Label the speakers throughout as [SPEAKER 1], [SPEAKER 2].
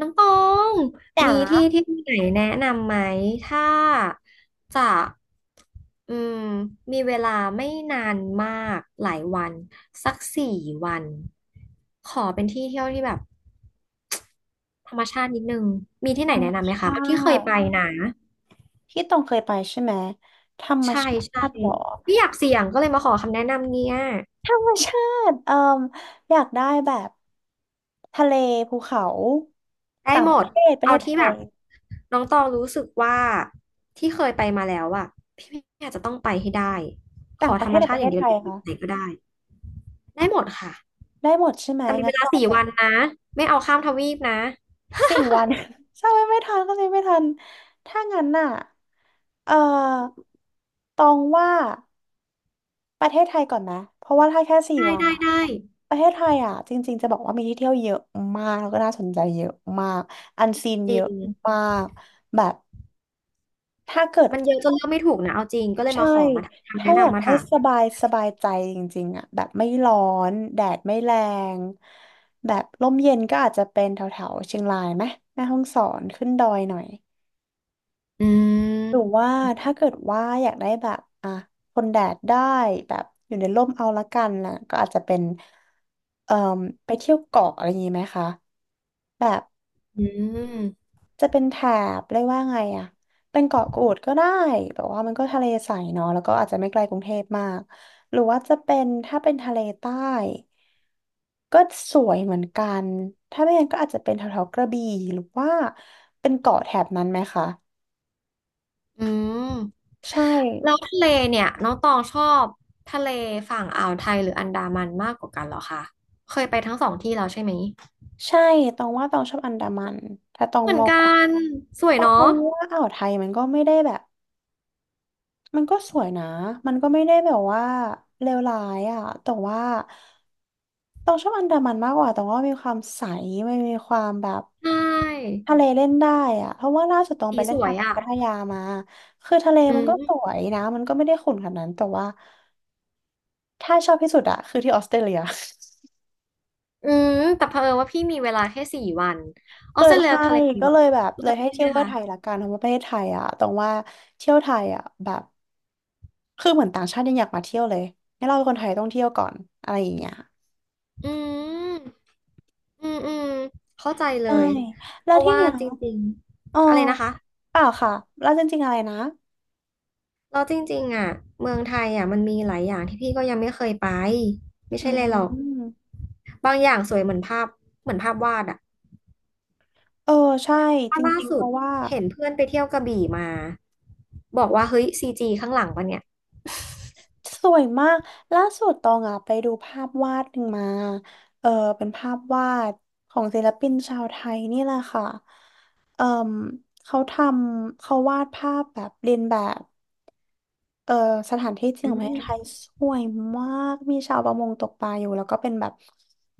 [SPEAKER 1] น้องตอง
[SPEAKER 2] จ
[SPEAKER 1] มีที่
[SPEAKER 2] ๋า
[SPEAKER 1] เที่ยวไหนแนะนำไหม ถ้าจะอืมมีเวลาไม่นานมากหลายวันสักสี่วันขอเป็นที่เที่ยวที่แบบธรรมชาตินิดนึง มีที่
[SPEAKER 2] ธ
[SPEAKER 1] ไหน
[SPEAKER 2] รรม
[SPEAKER 1] แนะนำไหมคะ
[SPEAKER 2] ชา
[SPEAKER 1] ที่เคย
[SPEAKER 2] ติ
[SPEAKER 1] ไปนะ
[SPEAKER 2] ที่ต้องเคยไปใช่ไหมธรรม
[SPEAKER 1] ใช่
[SPEAKER 2] ชา
[SPEAKER 1] ใช่
[SPEAKER 2] ติเหรอ
[SPEAKER 1] ไม่อยากเสี่ยงก็เลยมาขอคำแนะนำเนี่ย
[SPEAKER 2] ธรรมชาติเอ่มอยากได้แบบทะเลภูเขา
[SPEAKER 1] ได้
[SPEAKER 2] ต่าง
[SPEAKER 1] หม
[SPEAKER 2] ประ
[SPEAKER 1] ด
[SPEAKER 2] เทศประเท
[SPEAKER 1] เอา
[SPEAKER 2] ศไท
[SPEAKER 1] ที่แบ
[SPEAKER 2] ย
[SPEAKER 1] บน้องตองรู้สึกว่าที่เคยไปมาแล้วอะพี่อาจจะต้องไปให้ได้ข
[SPEAKER 2] ต่า
[SPEAKER 1] อ
[SPEAKER 2] งป
[SPEAKER 1] ธ
[SPEAKER 2] ระ
[SPEAKER 1] ร
[SPEAKER 2] เท
[SPEAKER 1] รม
[SPEAKER 2] ศหรือ
[SPEAKER 1] ชา
[SPEAKER 2] ป
[SPEAKER 1] ติ
[SPEAKER 2] ระ
[SPEAKER 1] อ
[SPEAKER 2] เท
[SPEAKER 1] ย่าง
[SPEAKER 2] ศ
[SPEAKER 1] เดีย
[SPEAKER 2] ไท
[SPEAKER 1] วอ
[SPEAKER 2] ย
[SPEAKER 1] ยู่
[SPEAKER 2] คะ
[SPEAKER 1] ไหนก็ได้ได้หมดค่ะ
[SPEAKER 2] ได้หมดใช่ไหม
[SPEAKER 1] แต่มี
[SPEAKER 2] งั้
[SPEAKER 1] เว
[SPEAKER 2] น
[SPEAKER 1] ลา
[SPEAKER 2] ต้อง
[SPEAKER 1] สี่วัน
[SPEAKER 2] อ่ะ
[SPEAKER 1] นะไม่เอาข้ามทวีปนะ
[SPEAKER 2] สี่วัน ใช่ไหมไม่ทันก็เลยไม่ทันถ้างั้นน่ะเอ่อตองว่า ประเทศไทยก่อนไหมเพราะว่าถ้าแค่สี่
[SPEAKER 1] ได้
[SPEAKER 2] วัน
[SPEAKER 1] ได้
[SPEAKER 2] อะ
[SPEAKER 1] ได้
[SPEAKER 2] ประเทศไทยอะจริงๆจะบอกว่ามีที่เที่ยวเยอะมากแล้วก็น่าสนใจเยอะมากอันซีน
[SPEAKER 1] จ
[SPEAKER 2] เย
[SPEAKER 1] ริ
[SPEAKER 2] อะ
[SPEAKER 1] ง
[SPEAKER 2] มาก แบบถ้าเกิด
[SPEAKER 1] มันเยอะจนเลือกไม่ถูกนะเอาจริงก็เลย
[SPEAKER 2] ใช่
[SPEAKER 1] มาขอมาทำ
[SPEAKER 2] ถ้า
[SPEAKER 1] แนะ
[SPEAKER 2] อยาก
[SPEAKER 1] นำมา
[SPEAKER 2] ได้
[SPEAKER 1] ถาม
[SPEAKER 2] สบายสบายใจจริงๆอะแบบไม่ร้อนแดดไม่แรงแบบลมเย็นก็อาจจะเป็นแถวๆเชียงรายไหมแม่ฮ่องสอนขึ้นดอยหน่อย
[SPEAKER 1] อื
[SPEAKER 2] ห
[SPEAKER 1] ม
[SPEAKER 2] รือว่าถ้าเกิดว่าอยากได้แบบอ่ะทนแดดได้แบบอยู่ในร่มเอาละกันนะก็อาจจะเป็นเอ่อไปเที่ยวเกาะอะไรอย่างนี้ไหมคะแบบ
[SPEAKER 1] อืม
[SPEAKER 2] จะเป็นแถบเรียกว่าไงอ่ะเป็นเกาะกูดก็ได้แบบว่ามันก็ทะเลใสเนาะแล้วก็อาจจะไม่ไกลกรุงเทพมากหรือว่าจะเป็นถ้าเป็นทะเลใต้ก็สวยเหมือนกันถ้าไม่งั้นก็อาจจะเป็นแถวๆกระบี่หรือว่าเป็นเกาะแถบนั้นไหมคะ
[SPEAKER 1] อืม
[SPEAKER 2] ใช่
[SPEAKER 1] แล้วทะเลเนี่ยน้องตองชอบทะเลฝั่งอ่าวไทยหรืออันดามันมากกว่ากันเหรอคะเคยไปทั้งสองที่แล้วใช่ไหม
[SPEAKER 2] ใช่ตองว่าตองชอบอันดามันแต่ตอง
[SPEAKER 1] เหมือ
[SPEAKER 2] ม
[SPEAKER 1] น
[SPEAKER 2] อง
[SPEAKER 1] กันสวย
[SPEAKER 2] ตองม
[SPEAKER 1] เนาะ
[SPEAKER 2] องว่าอ่าวไทยมันก็ไม่ได้แบบ มันก็สวยนะมันก็ไม่ได้แบบว่าเลวร้ายอ่ะแต่ว่าตองชอบอันดามันมากกว่าตองว่ามีความใสมันมีความแบบ
[SPEAKER 1] ใช่
[SPEAKER 2] ทะเลเล่นได้อ่ะเพราะว่าล่าสุดตอง
[SPEAKER 1] สี
[SPEAKER 2] ไปเล่
[SPEAKER 1] ส
[SPEAKER 2] น
[SPEAKER 1] ว
[SPEAKER 2] ทะ
[SPEAKER 1] ย
[SPEAKER 2] เล
[SPEAKER 1] อ่ะ
[SPEAKER 2] พัทยามาคือทะเล
[SPEAKER 1] อื
[SPEAKER 2] มันก็ส
[SPEAKER 1] ม
[SPEAKER 2] วยนะ มันก็ไม่ได้ขุ่นขนาดนั้น แต่ว่าถ้าชอบที่สุดอะคือที่ออสเตรเลีย
[SPEAKER 1] อืมแต่เผอิญว่าพี่มีเวลาแค่สี่วัน อ
[SPEAKER 2] เอ
[SPEAKER 1] อ
[SPEAKER 2] อ
[SPEAKER 1] สเตรเลีย
[SPEAKER 2] ใช่
[SPEAKER 1] ทะเลมี
[SPEAKER 2] ก็
[SPEAKER 1] แบ
[SPEAKER 2] เล
[SPEAKER 1] บ
[SPEAKER 2] ยแบบเล
[SPEAKER 1] เลิ
[SPEAKER 2] ย
[SPEAKER 1] ศ
[SPEAKER 2] ให้
[SPEAKER 1] ใช่
[SPEAKER 2] เที่
[SPEAKER 1] ไหม
[SPEAKER 2] ยวเที่ยว
[SPEAKER 1] คะ
[SPEAKER 2] ไทยละกันเพราะว่าประเทศไทยอะตรงว่าเที่ยวไทยอะแบบ คือเหมือนต่างชาติยังอยากมาเที่ยวเลยให้นเราเป็นคนไทยต้องเที่ยวก่อนอะไรอย่างเงี้ย
[SPEAKER 1] อืมอืมอืมเข้าใจเล
[SPEAKER 2] ใช่
[SPEAKER 1] ยเพ
[SPEAKER 2] แล้ว
[SPEAKER 1] ราะ
[SPEAKER 2] ที่
[SPEAKER 1] ว่า
[SPEAKER 2] เนีย
[SPEAKER 1] จริง
[SPEAKER 2] เออ
[SPEAKER 1] ๆอะไรนะคะ
[SPEAKER 2] เปล่าค่ะแล้วจริงๆอะไรนะ
[SPEAKER 1] เราจริงๆอ่ะเมืองไทยอ่ะมันมีหลายอย่างที่พี่ก็ยังไม่เคยไปไม่
[SPEAKER 2] อื
[SPEAKER 1] ใช่เลยหรอก
[SPEAKER 2] ม
[SPEAKER 1] บางอย่างสวยเหมือนภาพเหมือนภาพวาดอ่ะ
[SPEAKER 2] เออใช่จ
[SPEAKER 1] ล่า
[SPEAKER 2] ริงๆเพ
[SPEAKER 1] สุด
[SPEAKER 2] ราะว่า
[SPEAKER 1] เห็นเพื่อนไปเที่ยวกระบี่มาบอกว่าเฮ้ยซีจีข้างหลังปะเนี่ย
[SPEAKER 2] สวยมากล่าสุดตองอ่ะไปดูภาพวาดหนึ่งมาเออเป็นภาพวาดของศิลปินชาวไทยนี่แหละค่ะเออเขาทำเขาวาดภาพแบบเรียนแบบ เออสถานที่จริง
[SPEAKER 1] อื
[SPEAKER 2] ของประเทศไทย
[SPEAKER 1] ม
[SPEAKER 2] สวยมาก มีชาวประมงตกปลาอยู่แล้วก็เป็นแบบ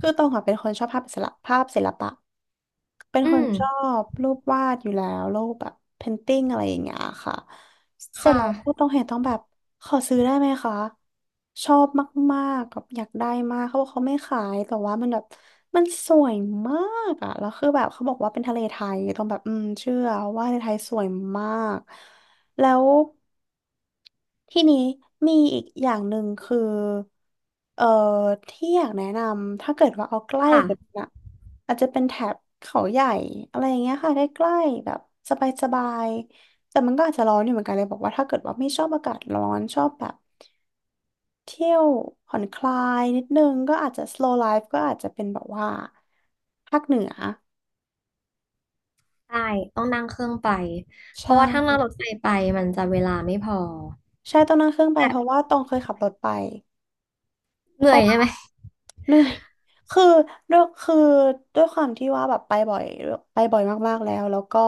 [SPEAKER 2] คือตองอะเป็นคนชอบภาพศิลปภาพศิลปะเป็น
[SPEAKER 1] อื
[SPEAKER 2] คน
[SPEAKER 1] ม
[SPEAKER 2] ชอบรูปวาดอยู่แล้วรูปแบบเพนติ้งอะไรอย่างเงี้ยค่ะเสร็จ
[SPEAKER 1] ค่ะ
[SPEAKER 2] แล้วพอต้องเห็นต้องแบบขอซื้อได้ไหมคะชอบมากๆแบบอยากได้มากเขาบอกเขาไม่ขายแต่ว่ามันแบบมันสวยมากอะแล้วคือแบบเขาบอกว่าเป็นทะเลไทยต้องแบบอืมเชื่อว่าทะเลไทยสวยมากแล้ว ทีนี้มีอีกอย่างหนึ่งคือ เอ่อที่อยากแนะนำถ้าเกิดว่าเอาใกล้
[SPEAKER 1] ค่ะ
[SPEAKER 2] กว่านั้นอะอาจจะเป็นแถบเขาใหญ่อะไรอย่างเงี้ยค่ะใกล้ๆแบบสบายๆแต่มันก็อาจจะร้อนอยู่เหมือนกันเลยบอกว่าถ้าเกิดว่าไม่ชอบอากาศร้อนชอบแบบเที่ยวผ่อนคลายนิดนึงก็อาจจะ slow life ก็อาจจะเป็นแบบว่าภาคเหนือ
[SPEAKER 1] ใช่ต้องนั่งเครื่องไป เพ
[SPEAKER 2] ใช่
[SPEAKER 1] ราะว่าถ้านั่งรถไฟไปมันจะเวลาไม่พอ
[SPEAKER 2] ใช่ต้องนั่งเครื่องไป
[SPEAKER 1] แต่
[SPEAKER 2] เพราะว่าต้องเคยขับรถไป
[SPEAKER 1] เหนื่อยใช่ไหม
[SPEAKER 2] เหนื่อย คือด้วยคือด้วยความที่ว่าแบบไปบ่อยไปบ่อยมากๆแล้วแล้วก็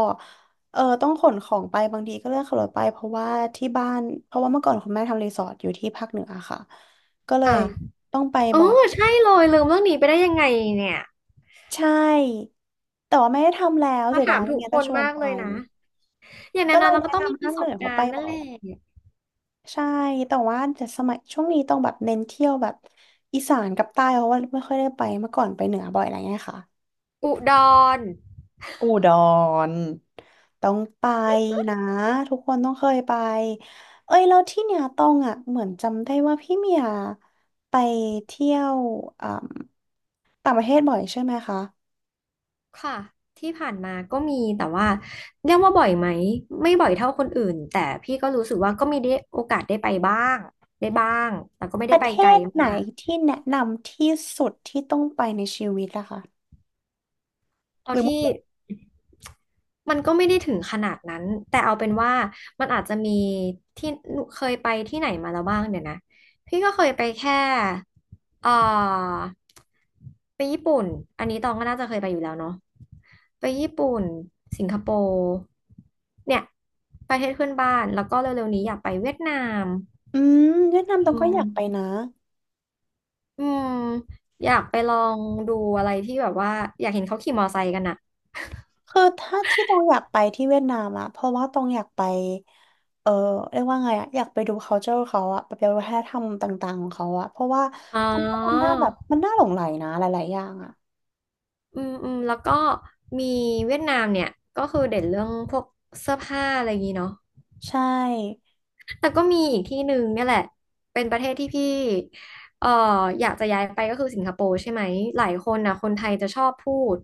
[SPEAKER 2] เออต้องขนของไปบางทีก็เลือกขับรถไปเพราะว่าที่บ้านเพราะว่าเมื่อก่อนคุณแม่ทำรีสอร์ทอยู่ที่ภาคเหนือค่ะ ก็เลย
[SPEAKER 1] ค่ะ
[SPEAKER 2] ต้องไป
[SPEAKER 1] อ๋อ
[SPEAKER 2] บ่อย
[SPEAKER 1] ใช่เลย ลืมเรื่องนี้ไปได้ยังไงเนี่ย
[SPEAKER 2] ใช่แต่ว่าไม่ได้ทำแล้ว
[SPEAKER 1] มา
[SPEAKER 2] เสียดา
[SPEAKER 1] ถา
[SPEAKER 2] ย
[SPEAKER 1] ม
[SPEAKER 2] ไม่
[SPEAKER 1] ถูก
[SPEAKER 2] งั้น
[SPEAKER 1] ค
[SPEAKER 2] จะ
[SPEAKER 1] น
[SPEAKER 2] ชวน
[SPEAKER 1] มาก
[SPEAKER 2] ไป
[SPEAKER 1] เลยนะอย่าง
[SPEAKER 2] ก็
[SPEAKER 1] นั้น
[SPEAKER 2] เล
[SPEAKER 1] นะ
[SPEAKER 2] ย
[SPEAKER 1] เราก็
[SPEAKER 2] แนะ
[SPEAKER 1] ต้องมี
[SPEAKER 2] นำ
[SPEAKER 1] ป
[SPEAKER 2] ภา
[SPEAKER 1] ระ
[SPEAKER 2] ค
[SPEAKER 1] ส
[SPEAKER 2] เหนื
[SPEAKER 1] บ
[SPEAKER 2] อ
[SPEAKER 1] กา
[SPEAKER 2] เขาไป
[SPEAKER 1] รณ์นั่
[SPEAKER 2] บ่
[SPEAKER 1] น
[SPEAKER 2] อ
[SPEAKER 1] แห
[SPEAKER 2] ย
[SPEAKER 1] ละ
[SPEAKER 2] ใช่แต่ว่าจะสมัยช่วงนี้ต้องแบบเน้นเที่ยวแบบอีสานกับใต้เพราะว่าไม่ค่อยได้ไปเมื่อก่อนไปเหนือบ่อยอะไรเงี้ยค่ะ
[SPEAKER 1] อุดร
[SPEAKER 2] อุดรต้องไปนะทุกคนต้องเคยไปเอ้ยแล้วที่เนี่ยต้องอ่ะเหมือนจำได้ว่าพี่เมียไปเที่ยวอ่าต่างประเทศบ่อยใช่ไหมคะ
[SPEAKER 1] ค่ะ ที่ผ่านมาก็มีแต่ว่าเรียกว่าบ่อยไหม ไม่บ่อยเท่าคนอื่น แต่พี่ก็รู้สึกว่าก็มีได้โอกาสได้ไปบ้างได้บ้างแต่ก็ไม่
[SPEAKER 2] ป
[SPEAKER 1] ได้
[SPEAKER 2] ระ
[SPEAKER 1] ไป
[SPEAKER 2] เท
[SPEAKER 1] ไกล
[SPEAKER 2] ศไหน
[SPEAKER 1] มาก
[SPEAKER 2] ที่แนะนำที่สุดที่ต้องไปในชีวิตล่ะคะห
[SPEAKER 1] เอา
[SPEAKER 2] รือหมด
[SPEAKER 1] ที่
[SPEAKER 2] เลย
[SPEAKER 1] มันก็ไม่ได้ถึงขนาดนั้นแต่เอาเป็นว่ามันอาจจะมีที่เคยไปที่ไหนมาแล้วบ้างเนี่ยนะพี่ก็เคยไปแค่เอ่อไปญี่ปุ่นอันนี้ตองก็น่าจะเคยไปอยู่แล้วเนาะไปญี่ปุ่นสิงคโปร์เนี่ยประเทศเพื่อนบ้านแล้วก็เร็วๆนี้อยากไปเวียดนาม
[SPEAKER 2] อืมเวียดนามต้อง
[SPEAKER 1] อื
[SPEAKER 2] ก็อ
[SPEAKER 1] ม
[SPEAKER 2] ยากไปนะ
[SPEAKER 1] อืมอยากไปลองดูอะไรที่แบบว่าอยากเห็นเขาขี่มอไซค์กันอะ
[SPEAKER 2] คือถ้าที่ตองอยากไปที่เวียดนามอะเพราะว่าตองอยากไปเออเรียกว่าไงอะอยากไปดู culture เขาอะไปดูวัฒนธรรมต่างๆของเขาอะเพราะว่า
[SPEAKER 1] อ๋
[SPEAKER 2] ตองว่ามัน
[SPEAKER 1] อ
[SPEAKER 2] น่าแบบมันน่าหลงใหลนะหลายๆอย่างอะ
[SPEAKER 1] อืมอืมแล้วก็มีเวียดนามเนี่ยก็คือเด่นเรื่องพวกเสื้อผ้าอะไรอย่างนี้เนาะ
[SPEAKER 2] ใช่
[SPEAKER 1] แต่ก็มีอีกที่หนึ่งเนี่ยแหละเป็นประเทศที่พี่เอ่ออยากจะย้ายไปก็คือสิงคโปร์ใช่ไหมหลายคนนะคนไทยจะชอบพูด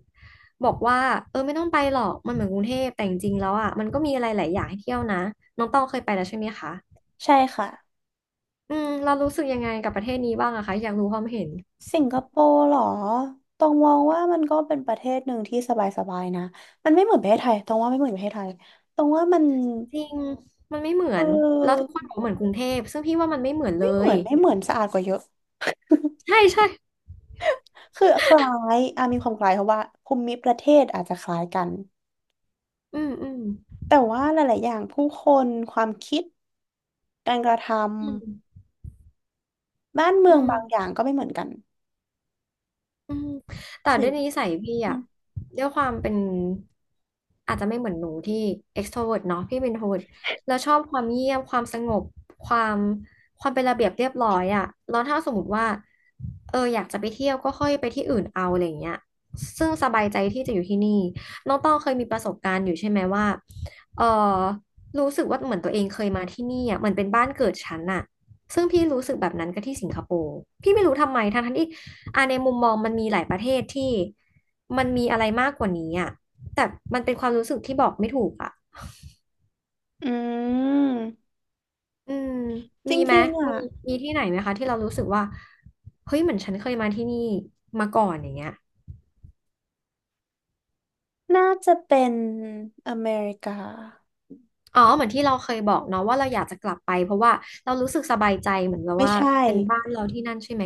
[SPEAKER 1] บอกว่าเออไม่ต้องไปหรอกมันเหมือนกรุงเทพแต่จริงๆแล้วอ่ะมันก็มีอะไรหลายอย่างให้เที่ยวนะน้องต้องเคยไปแล้วใช่ไหมคะ
[SPEAKER 2] ใช่ค่ะ
[SPEAKER 1] อืมเรารู้สึกยังไงกับประเทศนี้บ้างอะคะอยากรู้ความเห็น
[SPEAKER 2] สิงคโปร์เหรอตองมองว่ามันก็เป็นประเทศหนึ่งที่สบายๆนะมันไม่เหมือนประเทศไทยตองว่าไม่เหมือนประเทศไทยตองว่ามัน
[SPEAKER 1] จริงมันไม่เหมื
[SPEAKER 2] เ
[SPEAKER 1] อนแล้วทุก
[SPEAKER 2] ออ
[SPEAKER 1] คนบอกเหมือนกรุงเทพซึ่งพี่ว่ามันไม่เหมือนเล
[SPEAKER 2] ไม่เหมื
[SPEAKER 1] ย
[SPEAKER 2] อนไม่เหมือนสะอาดกว่าเยอะ
[SPEAKER 1] ใช่ใช่
[SPEAKER 2] คือคล้ายอ่ะมีความคล้ายเพราะว่าภูมิประเทศอาจจะคล้ายกัน
[SPEAKER 1] อืมอืม
[SPEAKER 2] แต่ว่าหลาย ๆ อย่างผู้คนความคิดการกระท
[SPEAKER 1] อืม
[SPEAKER 2] ำบ้านเมือ
[SPEAKER 1] อื
[SPEAKER 2] ง
[SPEAKER 1] ม
[SPEAKER 2] บางอย่างก็ไม่เหมือนกัน
[SPEAKER 1] อืมแต่
[SPEAKER 2] สิ
[SPEAKER 1] ด้วยนิสัยพี่
[SPEAKER 2] อื
[SPEAKER 1] อะ
[SPEAKER 2] ม
[SPEAKER 1] ด้วยความเป็นอาจจะไม่เหมือนหนูที่ extrovert เนาะพี่เป็น introvert แล้วชอบความเงียบความสงบความความเป็นระเบียบเรียบร้อยอะแล้วถ้าสมมติว่าเอออยากจะไปเที่ยวก็ค่อยไปที่อื่นเอาอะไรอย่างเงี้ยซึ่งสบายใจที่จะอยู่ที่นี่น้องต้องเคยมีประสบการณ์อยู่ใช่ไหมว่าเออรู้สึกว่าเหมือนตัวเองเคยมาที่นี่อะเหมือนเป็นบ้านเกิดฉันอะซึ่งพี่รู้สึกแบบนั้นก็ที่สิงคโปร์พี่ไม่รู้ทำไมทั้งๆที่ อ่ะในมุมมองมันมีหลายประเทศที่มันมีอะไรมากกว่านี้อ่ะแต่มันเป็นความรู้สึกที่บอกไม่ถูกอ่ะ
[SPEAKER 2] อืม
[SPEAKER 1] อืม
[SPEAKER 2] จ
[SPEAKER 1] มีไหม
[SPEAKER 2] ริงๆอ่ะ
[SPEAKER 1] มีมีที่ไหนไหมคะที่เรารู้สึกว่าเฮ้ยเหมือนฉันเคยมาที่นี่มาก่อนอย่างเงี้ย
[SPEAKER 2] น่าจะเป็นอเมริกา
[SPEAKER 1] อ๋อเหมือนที่เราเคยบอกเนาะว่าเราอยากจะกลับไปเพราะว่าเรารู้สึกสบายใจเหมือนแบบ
[SPEAKER 2] ไม่
[SPEAKER 1] ว่า
[SPEAKER 2] ใช่
[SPEAKER 1] เป็นบ้านเราที่นั่นใช่ไหม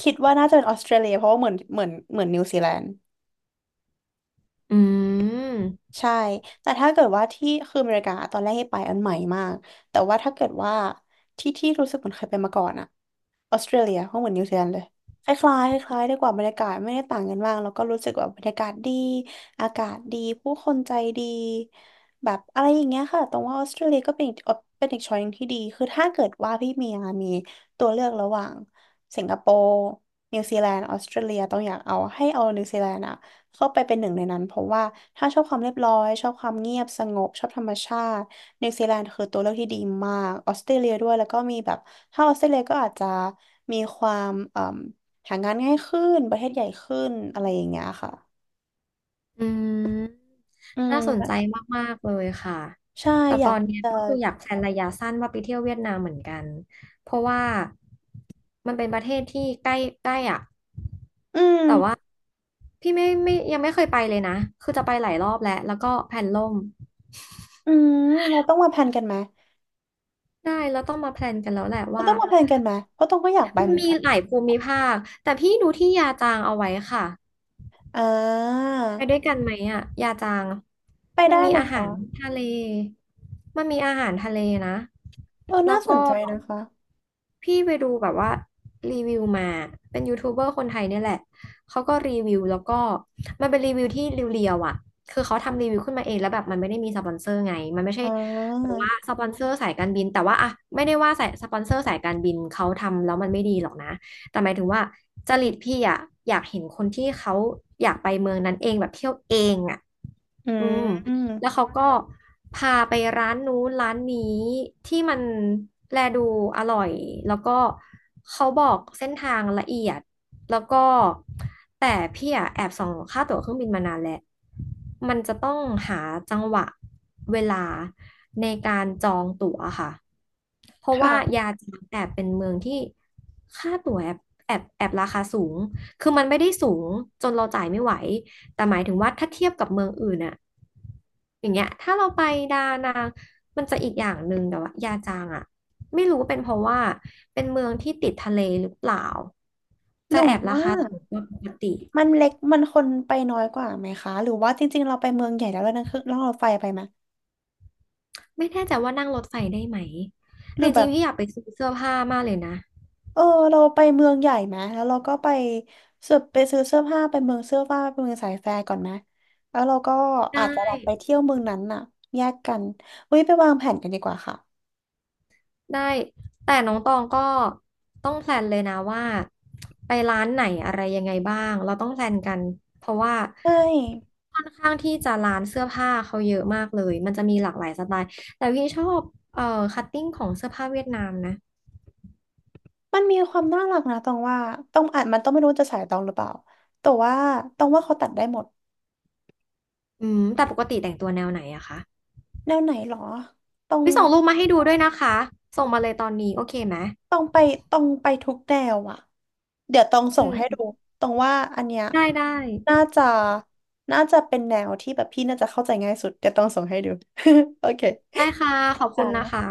[SPEAKER 2] คิดว่าน่าจะเป็นออสเตรเลียเพราะว่าเหมือนนิวซีแลนด์
[SPEAKER 1] อืม
[SPEAKER 2] ใช่แต่ถ้าเกิดว่าที่คืออเมริกาตอนแรกให้ไปอันใหม่มากแต่ว่าถ้าเกิดว่าที่ที่รู้สึกเหมือนเคยไปมาก่อนอะ ออสเตรเลียหเหมือนนิวซีแลนด์เลยคล้ายๆคล้ายๆไดีกว่าบรรยากาศไม่ได้ต่างกันมากแล้วก็รู้สึกว่าบรรยากาศดีอากาศดีผู้คนใจดีแบบอะไรอย่างเงี้ยค่ะตรงว่าออสเตรเลียก็เป็นอีกเป็นอีกช้อยหนึ่งที่ดีคือถ้าเกิดว่าพี่เมียมีตัวเลือกระหว่างสิงคโปร์นิวซีแลนด์ออสเตรเลียต้องอยากเอาให้เอานิวซีแลนด์อะ เข้าไปเป็นหนึ่งในนั้นเพราะว่าถ้าชอบความเรียบร้อยชอบความเงียบสงบชอบธรรมชาตินิวซีแลนด์คือตัวเลือกที่ดีมากออสเตรเลียด้วยแล้วก็มีแบบถ้าออสเตรเลียก็อาจจะมีความเอ่มหางานง่ายขึ้นประเทศใหญ่ขึ้นอะไรอย่างเงี้ยค่ะ
[SPEAKER 1] อืม
[SPEAKER 2] อื
[SPEAKER 1] น่าสนใจ
[SPEAKER 2] ม
[SPEAKER 1] มากๆเลยค่ะ
[SPEAKER 2] ใช่
[SPEAKER 1] แต่
[SPEAKER 2] อ
[SPEAKER 1] ต
[SPEAKER 2] ยา
[SPEAKER 1] อ
[SPEAKER 2] ก
[SPEAKER 1] นเนี้ย
[SPEAKER 2] จะ
[SPEAKER 1] ก็คืออยากแพลนระยะสั้นว่าไปเที่ยวเวียดนามเหมือนกันเพราะว่ามันเป็นประเทศที่ใกล้ใกล้อ่ะ
[SPEAKER 2] อื
[SPEAKER 1] แต่ว่า
[SPEAKER 2] ม
[SPEAKER 1] พี่ไม่ไม่ยังไม่เคยไปเลยนะคือจะไปหลายรอบแล้วแล้วก็แพลนล่ม
[SPEAKER 2] อืมเราต้องมาแพลนกันไหม
[SPEAKER 1] ได้แล้วต้องมาแพลนกันแล้วแหละ
[SPEAKER 2] เรา
[SPEAKER 1] ว่า
[SPEAKER 2] ต้องมาแพลนกันไหมเพราะต้องก็อยากไป
[SPEAKER 1] มัน
[SPEAKER 2] เหมือน
[SPEAKER 1] มี
[SPEAKER 2] กัน
[SPEAKER 1] หลายภูมิภาคแต่พี่ดูที่ยาจางเอาไว้ค่ะ
[SPEAKER 2] อ่า
[SPEAKER 1] ไปด้วยกันไหมอ่ะยาจาง
[SPEAKER 2] ไป
[SPEAKER 1] มัน
[SPEAKER 2] ได้
[SPEAKER 1] มี
[SPEAKER 2] นะ
[SPEAKER 1] อาหา
[SPEAKER 2] คะ
[SPEAKER 1] รทะเลมันมีอาหารทะเลนะ
[SPEAKER 2] เออ
[SPEAKER 1] แล้
[SPEAKER 2] น่า
[SPEAKER 1] ว
[SPEAKER 2] สน
[SPEAKER 1] ก็
[SPEAKER 2] ใจนะคะ
[SPEAKER 1] พี่ไปดูแบบว่ารีวิวมาเป็นยูทูบเบอร์คนไทยเนี่ยแหละเขาก็รีวิวแล้วก็มันเป็นรีวิวที่เรียวๆอ่ะคือเขาทำรีวิวขึ้นมาเองแล้วแบบมันไม่ได้มีสปอนเซอร์ไงมันไม่ใช่
[SPEAKER 2] อ่
[SPEAKER 1] แบบ
[SPEAKER 2] า
[SPEAKER 1] ว่าสปอนเซอร์สายการบินแต่ว่าอะไม่ได้ว่าสายสปอนเซอร์สายการบินเขาทำแล้วมันไม่ดีหรอกนะแต่หมายถึงว่าจริตพี่อะอยากเห็นคนที่เขาอยากไปเมืองนั้นเองแบบเที่ยวเองอ่ะ
[SPEAKER 2] อื
[SPEAKER 1] อืม แล้ว
[SPEAKER 2] ม
[SPEAKER 1] เขาก็พาไปร้านนู้นร้านนี้ที่มันแลดูอร่อยแล้วก็เขาบอกเส้นทางละเอียดแล้วก็แต่พี่อะแอบส่องค่าตั๋วเครื่องบินมานานแล้วมันจะต้องหาจังหวะเวลาในการจองตั๋วค่ะเพราะว่า
[SPEAKER 2] ค่ะ
[SPEAKER 1] ยาจีนแอบเป็นเมืองที่ค่าตั๋วแอบแอบราคาสูงคือมันไม่ได้สูงจนเราจ่ายไม่ไหว แต่หมายถึงว่าถ้าเทียบกับเมืองอื่นอะอย่างเงี้ยถ้าเราไปดานังมันจะอีกอย่างหนึ่งแต่ว่ายาจางอะไม่รู้เป็นเพราะว่าเป็นเมืองที่ติดทะเลหรือเปล่า
[SPEAKER 2] ห
[SPEAKER 1] จะ
[SPEAKER 2] รือ
[SPEAKER 1] แอบรา
[SPEAKER 2] ว่า
[SPEAKER 1] คาสูงกว่าปกติ
[SPEAKER 2] มันเล็กมันคนไปน้อยกว่าไหมคะหรือว่าจริงๆเราไปเมืองใหญ่แล้วเรานั่งเครื่องนัองรถไฟไปไหม
[SPEAKER 1] ไม่แน่ใจว่านั่งรถไฟได้ไหม
[SPEAKER 2] หรื
[SPEAKER 1] แต่
[SPEAKER 2] อ
[SPEAKER 1] จ
[SPEAKER 2] แบ
[SPEAKER 1] ริง
[SPEAKER 2] บ
[SPEAKER 1] ๆพี่อยากไปซื้อเสื้อผ้ามากเลยนะ
[SPEAKER 2] เออเราไปเมืองใหญ่ไหมแล้วเราก็ไปซื้อเสื้อผ้าไปเมืองเสื้อผ้าไปเมืองสายแฟร์ก่อนไหมแล้วเราก็อาจจะแบ
[SPEAKER 1] ได้
[SPEAKER 2] บไปเที่ยวเมืองนั้นน่ะแยกกันเฮ้ยไปวางแผนกันดีกว่าค่ะ
[SPEAKER 1] ได้แต่น้องตองก็ต้องแพลนเลยนะว่าไปร้านไหนอะไรยังไงบ้างเราต้องแพลนกันเพราะว่า
[SPEAKER 2] ใช่
[SPEAKER 1] ค่อนข้างที่จะร้านเสื้อผ้าเขาเยอะมากเลยมันจะมีหลากหลายสไตล์แต่พี่ชอบเอ่อคัตติ้งของเสื้อผ้าเวียดนามนะ
[SPEAKER 2] มันมีความน่ารักนะตองว่าต้องอาจมันต้องไม่รู้จะสายตองหรือเปล่าแต่ว่าตองว่าเขาตัดได้หมด
[SPEAKER 1] อืมแต่ปกติแต่งตัวแนวไหนอะคะ
[SPEAKER 2] แนวไหนหรอตอง
[SPEAKER 1] วิส่งรูปมาให้ดูด้วยนะคะส่งมาเลยตอนนี้โอเคไหม
[SPEAKER 2] ต้องไปต้องไปทุกแนวอ่ะเดี๋ยวต้องส่
[SPEAKER 1] อื
[SPEAKER 2] งให้
[SPEAKER 1] ม
[SPEAKER 2] ดูตรงว่าอันเนี้ย
[SPEAKER 1] ได้
[SPEAKER 2] น่าจะน่าจะเป็นแนวที่แบบพี่น่าจะเข้าใจง่ายสุดเดี๋ยวต้องส่งให้ดู โอเค
[SPEAKER 1] ได้ค่ะ
[SPEAKER 2] ค
[SPEAKER 1] ขอบคุณนะ
[SPEAKER 2] ่ะ
[SPEAKER 1] คะ